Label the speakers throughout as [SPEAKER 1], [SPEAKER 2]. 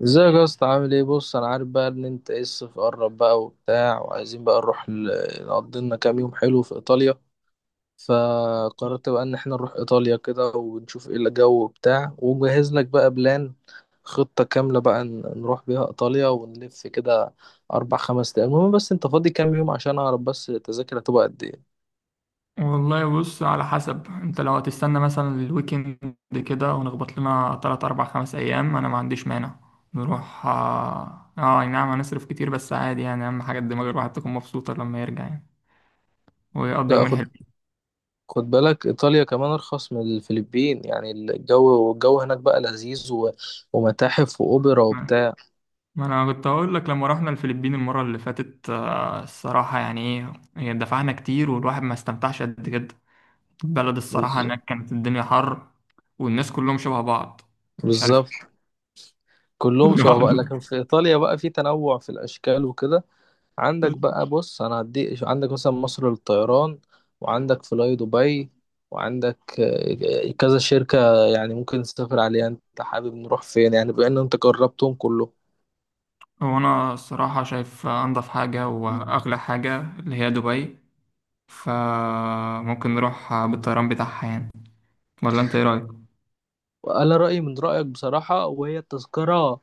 [SPEAKER 1] ازيك يا اسطى؟ عامل ايه؟ بص، انا عارف بقى ان انت ايه، الصيف قرب بقى وبتاع، وعايزين بقى نروح نقضي لنا كام يوم حلو في ايطاليا. فقررت بقى ان احنا نروح ايطاليا كده ونشوف ايه الجو وبتاع، ومجهز لك بقى بلان، خطة كاملة بقى نروح بيها ايطاليا ونلف كده اربع خمس ايام. المهم، بس انت فاضي كام يوم عشان اعرف بس التذاكر هتبقى قد ايه؟
[SPEAKER 2] والله بص، على حسب. انت لو هتستنى مثلا الويكند كده ونخبط لنا 3 4 5 أيام، أنا ما عنديش مانع نروح. أي نعم، هنصرف كتير بس عادي يعني. أهم حاجة دماغ الواحد تكون مبسوطة لما يرجع يعني، ويقضي
[SPEAKER 1] لا
[SPEAKER 2] يومين
[SPEAKER 1] خد،
[SPEAKER 2] حلوين.
[SPEAKER 1] خد بالك، ايطاليا كمان ارخص من الفلبين يعني، الجو والجو هناك بقى لذيذ، ومتاحف واوبرا
[SPEAKER 2] ما
[SPEAKER 1] وبتاع.
[SPEAKER 2] ما أنا كنت هقول لك لما رحنا الفلبين المرة اللي فاتت، الصراحة يعني إيه، هي دفعنا كتير والواحد ما استمتعش قد كده. البلد الصراحة هناك كانت الدنيا حر، والناس كلهم شبه بعض، مش عارف.
[SPEAKER 1] بالظبط، كلهم شبه بقى، لكن في ايطاليا بقى في تنوع في الاشكال وكده. عندك
[SPEAKER 2] ليه.
[SPEAKER 1] بقى، بص انا هديك، عندك مثلا مصر للطيران، وعندك فلاي دبي، وعندك كذا شركة يعني ممكن تسافر عليها. انت حابب نروح فين يعني؟ بان انت جربتهم كلهم.
[SPEAKER 2] هو أنا الصراحة شايف أنظف حاجة وأغلى حاجة اللي هي دبي، فممكن نروح بالطيران بتاعها يعني. ولا أنت إيه رأيك؟
[SPEAKER 1] انا رأيي من رأيك بصراحة، وهي التذكرة،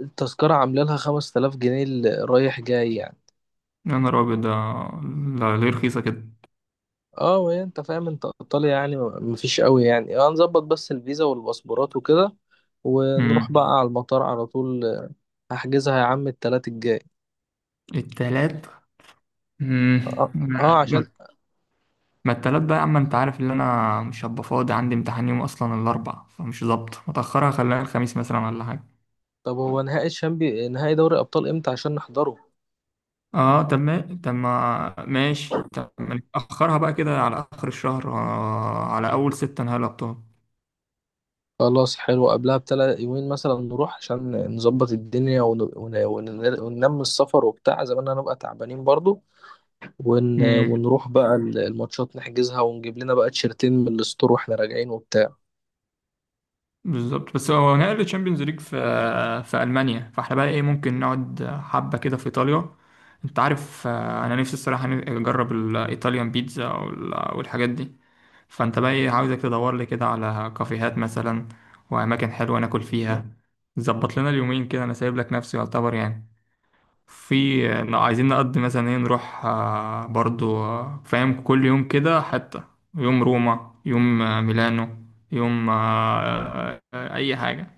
[SPEAKER 1] التذكرة عاملة لها 5000 جنيه اللي رايح جاي يعني.
[SPEAKER 2] يا نهار أبيض ده. ليه رخيصة كده؟
[SPEAKER 1] اه، ما هي انت فاهم، انت ايطاليا يعني مفيش قوي يعني، اه، نظبط بس الفيزا والباسبورات وكده، ونروح بقى
[SPEAKER 2] مم.
[SPEAKER 1] على المطار على طول. هحجزها يا عم التلات الجاي.
[SPEAKER 2] التلات. مم.
[SPEAKER 1] اه، اه عشان،
[SPEAKER 2] ما ما التلات بقى يا عم، أنت عارف إن أنا مش هبقى فاضي. عندي امتحان يوم أصلا الأربع، فمش ظابط. متأخرها خليها الخميس مثلا ولا حاجة.
[SPEAKER 1] طب هو نهائي الشامبي، نهائي دوري ابطال امتى عشان نحضره؟
[SPEAKER 2] اه، طب ما ماشي. طب ما نأخرها بقى كده على آخر الشهر، على أول ستة، نهاية الأبطال.
[SPEAKER 1] خلاص حلو، قبلها بتلات يومين مثلا نروح عشان نظبط الدنيا وننام السفر وبتاع، زي ما انا هنبقى تعبانين برضو. ونروح بقى الماتشات نحجزها، ونجيب لنا بقى تيشرتين من الستور واحنا راجعين وبتاع.
[SPEAKER 2] بالظبط. بس هو نهائي الشامبيونز ليج في المانيا، فاحنا بقى ايه، ممكن نقعد حبه كده في ايطاليا. انت عارف، انا نفسي الصراحه اجرب الايطاليان بيتزا والحاجات دي. فانت بقى ايه، عاوزك تدور لي كده على كافيهات مثلا، واماكن حلوه ناكل فيها. ظبط لنا اليومين كده، انا سايب لك نفسي يعتبر يعني. في إن عايزين نقضي مثلا ايه، نروح برضو، فاهم، كل يوم كده حتى. يوم روما، يوم ميلانو، يوم اي حاجة.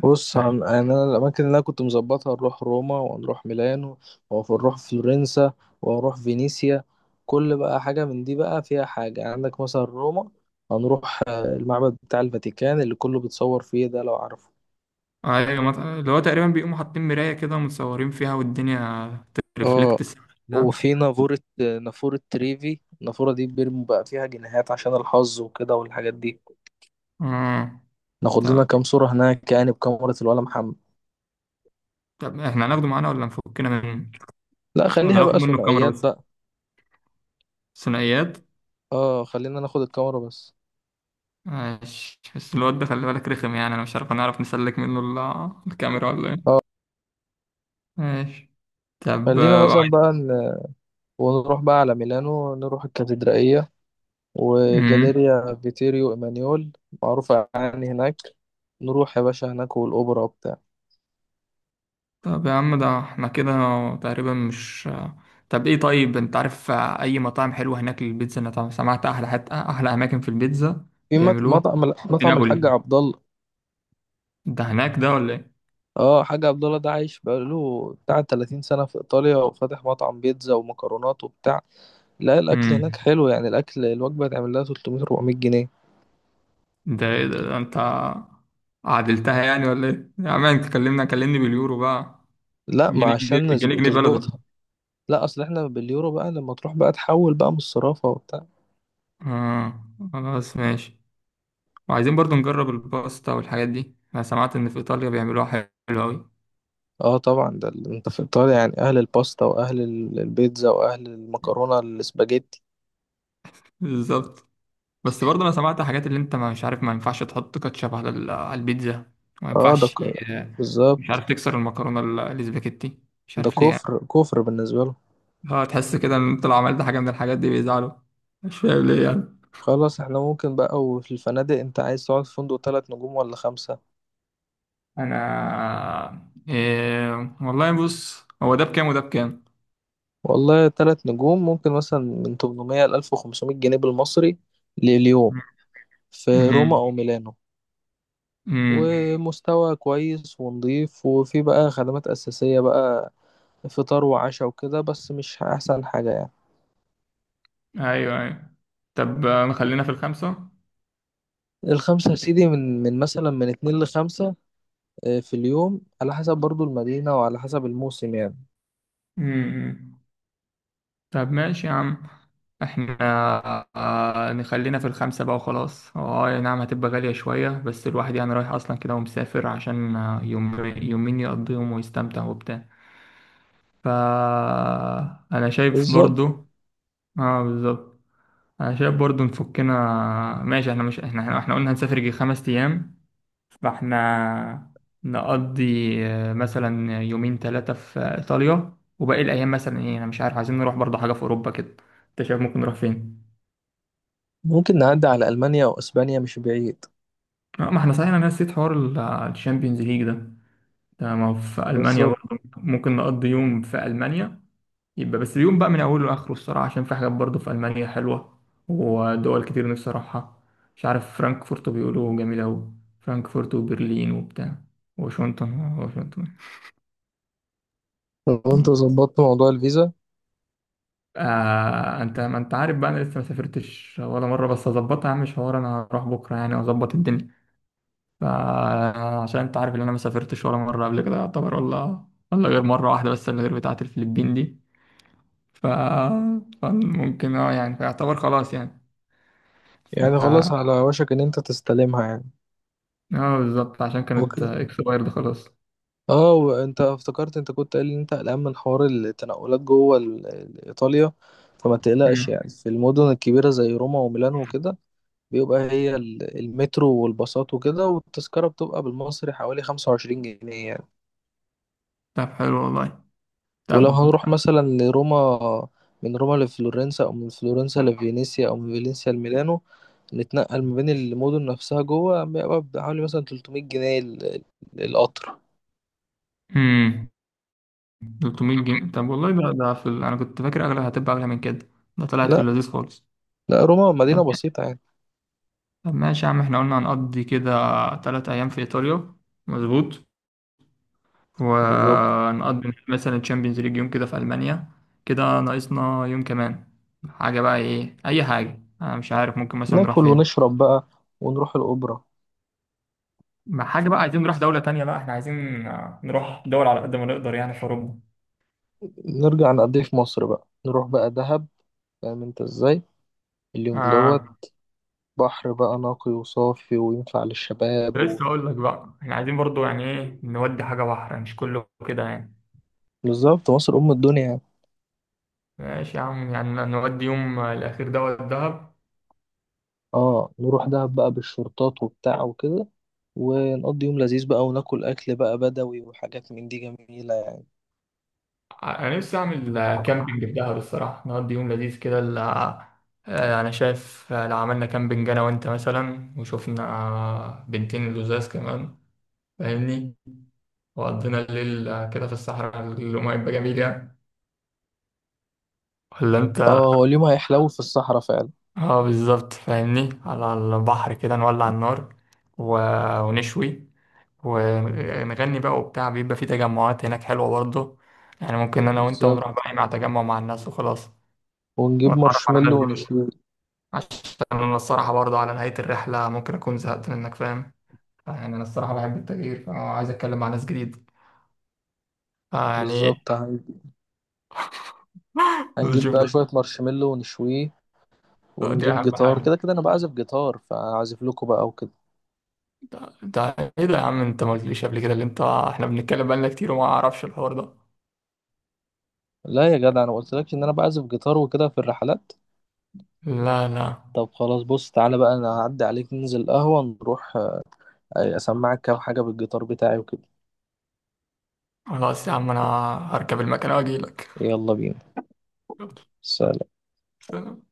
[SPEAKER 1] بص
[SPEAKER 2] فاهم؟
[SPEAKER 1] يعني انا الاماكن اللي انا كنت مظبطها، نروح روما، ونروح ميلانو، ونروح فلورنسا، ونروح فينيسيا. كل بقى حاجه من دي بقى فيها حاجه يعني. عندك مثلا روما، هنروح المعبد بتاع الفاتيكان اللي كله بيتصور فيه ده، لو عارفه.
[SPEAKER 2] ايوه، اللي هو تقريبا بيقوموا حاطين مراية كده، متصورين فيها، والدنيا ترفلكت
[SPEAKER 1] اه،
[SPEAKER 2] السما ده.
[SPEAKER 1] وفي نافورة، نافورة تريفي، النافورة دي بيرموا بقى فيها جنيهات عشان الحظ وكده والحاجات دي.
[SPEAKER 2] مم.
[SPEAKER 1] ناخد لنا
[SPEAKER 2] طب
[SPEAKER 1] كام صورة هناك يعني بكاميرا الولا محمد.
[SPEAKER 2] طب احنا هناخده معانا ولا نفكنا منه؟
[SPEAKER 1] لا
[SPEAKER 2] ولا
[SPEAKER 1] خليها
[SPEAKER 2] ناخد
[SPEAKER 1] بقى
[SPEAKER 2] منه الكاميرا
[SPEAKER 1] ثنائيات
[SPEAKER 2] بس؟
[SPEAKER 1] بقى.
[SPEAKER 2] ثنائيات.
[SPEAKER 1] اه خلينا ناخد الكاميرا بس.
[SPEAKER 2] ماشي، بس الواد ده خلي بالك رخم يعني، انا مش عارف هنعرف نسلك منه الكاميرا ولا ايه. ماشي. طب
[SPEAKER 1] خلينا
[SPEAKER 2] آه،
[SPEAKER 1] مثلا بقى، ونروح بقى على ميلانو، نروح الكاتدرائية
[SPEAKER 2] امم
[SPEAKER 1] وجاليريا فيتيريو إيمانيول، معروفة يعني هناك. نروح يا باشا هناك والأوبرا وبتاع.
[SPEAKER 2] طب يا عم، ده احنا كده تقريبا مش. طب ايه، طيب انت عارف اي مطاعم حلوه هناك للبيتزا؟ انا طبعا سمعت احلى حتى احلى اماكن في البيتزا
[SPEAKER 1] في
[SPEAKER 2] بيعملوها
[SPEAKER 1] مطعم،
[SPEAKER 2] في
[SPEAKER 1] مطعم الحاج
[SPEAKER 2] نابولي.
[SPEAKER 1] عبد الله.
[SPEAKER 2] ده هناك ده ولا ايه؟
[SPEAKER 1] اه، حاج عبد الله ده عايش بقاله بتاع 30 سنة في إيطاليا، وفاتح مطعم بيتزا ومكرونات وبتاع. لا الأكل هناك
[SPEAKER 2] امم.
[SPEAKER 1] حلو يعني، الأكل الوجبة تعمل لها 300 400 جنيه.
[SPEAKER 2] ده, إيه ده انت عدلتها يعني ولا ايه يا عم؟ انت كلمنا، كلمني باليورو بقى.
[SPEAKER 1] لا، ما
[SPEAKER 2] الجنيه جنيه،
[SPEAKER 1] عشان
[SPEAKER 2] الجنيه جنيه بلده.
[SPEAKER 1] تظبطها. لا أصل إحنا باليورو بقى، لما تروح بقى تحول بقى من الصرافة وبتاع.
[SPEAKER 2] اه، خلاص ماشي. وعايزين برضو نجرب الباستا والحاجات دي. انا سمعت ان في ايطاليا بيعملوها حلو قوي.
[SPEAKER 1] اه طبعا، ده انت في ايطاليا يعني اهل الباستا، واهل البيتزا، واهل المكرونه الاسباجيتي.
[SPEAKER 2] بالظبط. بس برضه انا سمعت حاجات، اللي انت مش عارف ما ينفعش تحط كاتشب على على البيتزا. ما
[SPEAKER 1] اه،
[SPEAKER 2] ينفعش، مش
[SPEAKER 1] بالظبط،
[SPEAKER 2] عارف، تكسر المكرونه الاسباجيتي، مش
[SPEAKER 1] ده
[SPEAKER 2] عارف ليه يعني.
[SPEAKER 1] كفر كفر بالنسبه له.
[SPEAKER 2] اه، تحس كده ان انت لو عملت حاجه من الحاجات دي بيزعلوا، مش فاهم ليه يعني.
[SPEAKER 1] خلاص احنا ممكن بقى. وفي الفنادق، انت عايز تقعد في فندق تلات نجوم ولا خمسة؟
[SPEAKER 2] انا إيه. والله بص، هو ده بكام وده بكام؟
[SPEAKER 1] والله، تلات نجوم ممكن مثلا من 800 ل 1500 جنيه بالمصري لليوم، في روما
[SPEAKER 2] امم.
[SPEAKER 1] او ميلانو،
[SPEAKER 2] امم.
[SPEAKER 1] ومستوى كويس ونضيف، وفي بقى خدمات اساسيه بقى، فطار وعشاء وكده، بس مش احسن حاجه يعني.
[SPEAKER 2] ايوه ايوه. طب خلينا في الخمسه.
[SPEAKER 1] الخمسة يا سيدي، من مثلا من اتنين لخمسة في اليوم، على حسب برضو المدينة وعلى حسب الموسم يعني.
[SPEAKER 2] امم. طب ماشي يا عم، احنا نخلينا في الخمسة بقى وخلاص. اه، أي نعم، هتبقى غالية شوية، بس الواحد يعني رايح اصلا كده ومسافر عشان يوم يومين يقضيهم ويستمتع وبتاع. فا انا شايف
[SPEAKER 1] بالظبط،
[SPEAKER 2] برضو. اه، بالظبط. انا شايف برضو نفكنا. ماشي، احنا مش، احنا احنا إحنا قلنا هنسافر يجي 5 ايام، فاحنا نقضي مثلا يومين ثلاثة في إيطاليا، وباقي الأيام مثلا إيه، أنا مش عارف، عايزين نروح برضه حاجة في أوروبا كده. أنت شايف ممكن نروح فين؟
[SPEAKER 1] ممكن نعدي على ألمانيا أو إسبانيا، مش بعيد.
[SPEAKER 2] ما احنا صحيح، أنا نسيت حوار الشامبيونز ليج ده. ده ما هو في ألمانيا
[SPEAKER 1] بالظبط،
[SPEAKER 2] برضه، ممكن نقضي يوم في ألمانيا. يبقى بس اليوم بقى من أوله لآخره الصراحة، عشان في حاجات برضه في ألمانيا حلوة، ودول كتير نفسي أروحها. مش عارف، فرانكفورت بيقولوا جميلة أوي. فرانكفورت وبرلين وبتاع. واشنطن واشنطن.
[SPEAKER 1] لو أنت ظبطت موضوع الفيزا
[SPEAKER 2] آه، انت، ما انت عارف بقى، انا لسه ما سافرتش ولا مره، بس اظبطها يا عم مش حوار. انا هروح بكره يعني واظبط الدنيا. فعشان انت عارف ان انا ما سافرتش ولا مره قبل كده يعتبر، ولا غير مره واحده بس، اللي غير بتاعه الفلبين دي. ف فممكن، يعني، فيعتبر خلاص يعني. ف
[SPEAKER 1] يعني، خلاص على وشك إن أنت تستلمها يعني.
[SPEAKER 2] اه، بالظبط، عشان كانت
[SPEAKER 1] اوكي.
[SPEAKER 2] اكسبايرد خلاص.
[SPEAKER 1] اه، وأنت افتكرت، أنت كنت قايل إن أنت قلقان من حوار التنقلات جوه إيطاليا. فما تقلقش
[SPEAKER 2] مم.
[SPEAKER 1] يعني، في المدن الكبيرة زي روما وميلانو وكده، بيبقى هي المترو والباصات وكده، والتذكرة بتبقى بالمصري حوالي خمسة وعشرين جنيه يعني.
[SPEAKER 2] طب حلو والله.
[SPEAKER 1] ولو
[SPEAKER 2] طب.
[SPEAKER 1] هنروح مثلا لروما، من روما لفلورنسا، أو من فلورنسا لفينيسيا، أو من فينيسيا لميلانو، نتنقل ما بين المدن نفسها جوه، بيبقى بحوالي مثلا 300 جنيه القطر.
[SPEAKER 2] امم. 300 جنيه؟ طب والله ده انا كنت فاكر اغلى، هتبقى اغلى من كده. ده طلعت في
[SPEAKER 1] لا
[SPEAKER 2] اللذيذ خالص.
[SPEAKER 1] لا روما مدينة بسيطة يعني.
[SPEAKER 2] طب ماشي يا عم، احنا قلنا هنقضي كده 3 أيام في إيطاليا، مظبوط.
[SPEAKER 1] بالظبط،
[SPEAKER 2] ونقضي مثلا تشامبيونز ليج يوم كده في ألمانيا. كده ناقصنا يوم كمان، حاجة بقى إيه، أي حاجة، أنا مش عارف ممكن مثلا نروح
[SPEAKER 1] ناكل
[SPEAKER 2] فين.
[SPEAKER 1] ونشرب بقى، ونروح الأوبرا.
[SPEAKER 2] ما حاجة بقى، عايزين نروح دولة تانية بقى، احنا عايزين نروح دول على قد ما نقدر يعني في أوروبا.
[SPEAKER 1] نرجع نقضيه في مصر بقى، نروح بقى دهب. فاهم انت ازاي؟ اليوم دوت
[SPEAKER 2] آه،
[SPEAKER 1] بحر بقى نقي وصافي وينفع للشباب
[SPEAKER 2] لسه أقول لك بقى، احنا عايزين برضو يعني إيه، نودي حاجة بحر، مش كله كده يعني.
[SPEAKER 1] بالظبط، مصر أم الدنيا.
[SPEAKER 2] ماشي يا عم، يعني نودي يوم الأخير دوت دهب.
[SPEAKER 1] اه نروح دهب بقى، بالشرطات وبتاع وكده، ونقضي يوم لذيذ بقى، وناكل أكل بقى بدوي، وحاجات من دي جميلة يعني.
[SPEAKER 2] انا نفسي اعمل كامبينج في دهب الصراحه، نقضي يوم لذيذ كده انا شايف، لو عملنا كامبينج انا وانت مثلا، وشوفنا بنتين لزاز كمان، فاهمني، وقضينا الليل كده في الصحراء، اليوم هيبقى جميل يعني. ولا انت؟
[SPEAKER 1] اه، هو اليوم هيحلو في الصحراء فعلا.
[SPEAKER 2] اه، بالظبط، فاهمني، على البحر كده نولع النار، و... ونشوي ونغني بقى وبتاع. بيبقى في تجمعات هناك حلوه برضه، يعني ممكن انا وانت ونروح
[SPEAKER 1] بالظبط،
[SPEAKER 2] بقى مع تجمع مع الناس وخلاص.
[SPEAKER 1] ونجيب
[SPEAKER 2] ونتعرف على
[SPEAKER 1] مارشميلو
[SPEAKER 2] ناس جديدة،
[SPEAKER 1] ونشويه.
[SPEAKER 2] عشان انا الصراحه برضه على نهايه الرحله ممكن اكون زهقت منك، فاهم يعني. انا الصراحه بحب التغيير، فعايز اتكلم مع ناس جديد يعني.
[SPEAKER 1] بالظبط، هنجيب
[SPEAKER 2] شوف
[SPEAKER 1] بقى
[SPEAKER 2] ده،
[SPEAKER 1] شوية مارشميلو ونشويه،
[SPEAKER 2] دي
[SPEAKER 1] ونجيب
[SPEAKER 2] اهم
[SPEAKER 1] جيتار
[SPEAKER 2] حاجه.
[SPEAKER 1] كده. كده أنا بعزف جيتار، فأعزف لكم بقى وكده.
[SPEAKER 2] ده, ده ايه ده يا عم، انت ما قلتليش قبل كده؟ اللي انت احنا بنتكلم بقالنا كتير وما اعرفش الحوار ده.
[SPEAKER 1] لا يا جدع، أنا ما قلتلكش إن أنا بعزف جيتار وكده في الرحلات.
[SPEAKER 2] لا لا.
[SPEAKER 1] طب خلاص، بص تعالى بقى، انا هعدي عليك، ننزل القهوة، نروح اسمعك كام حاجة بالجيتار بتاعي وكده.
[SPEAKER 2] خلاص يا عم، انا هركب المكنه واجي لك.
[SPEAKER 1] يلا بينا.
[SPEAKER 2] يلا،
[SPEAKER 1] سلام.
[SPEAKER 2] سلام.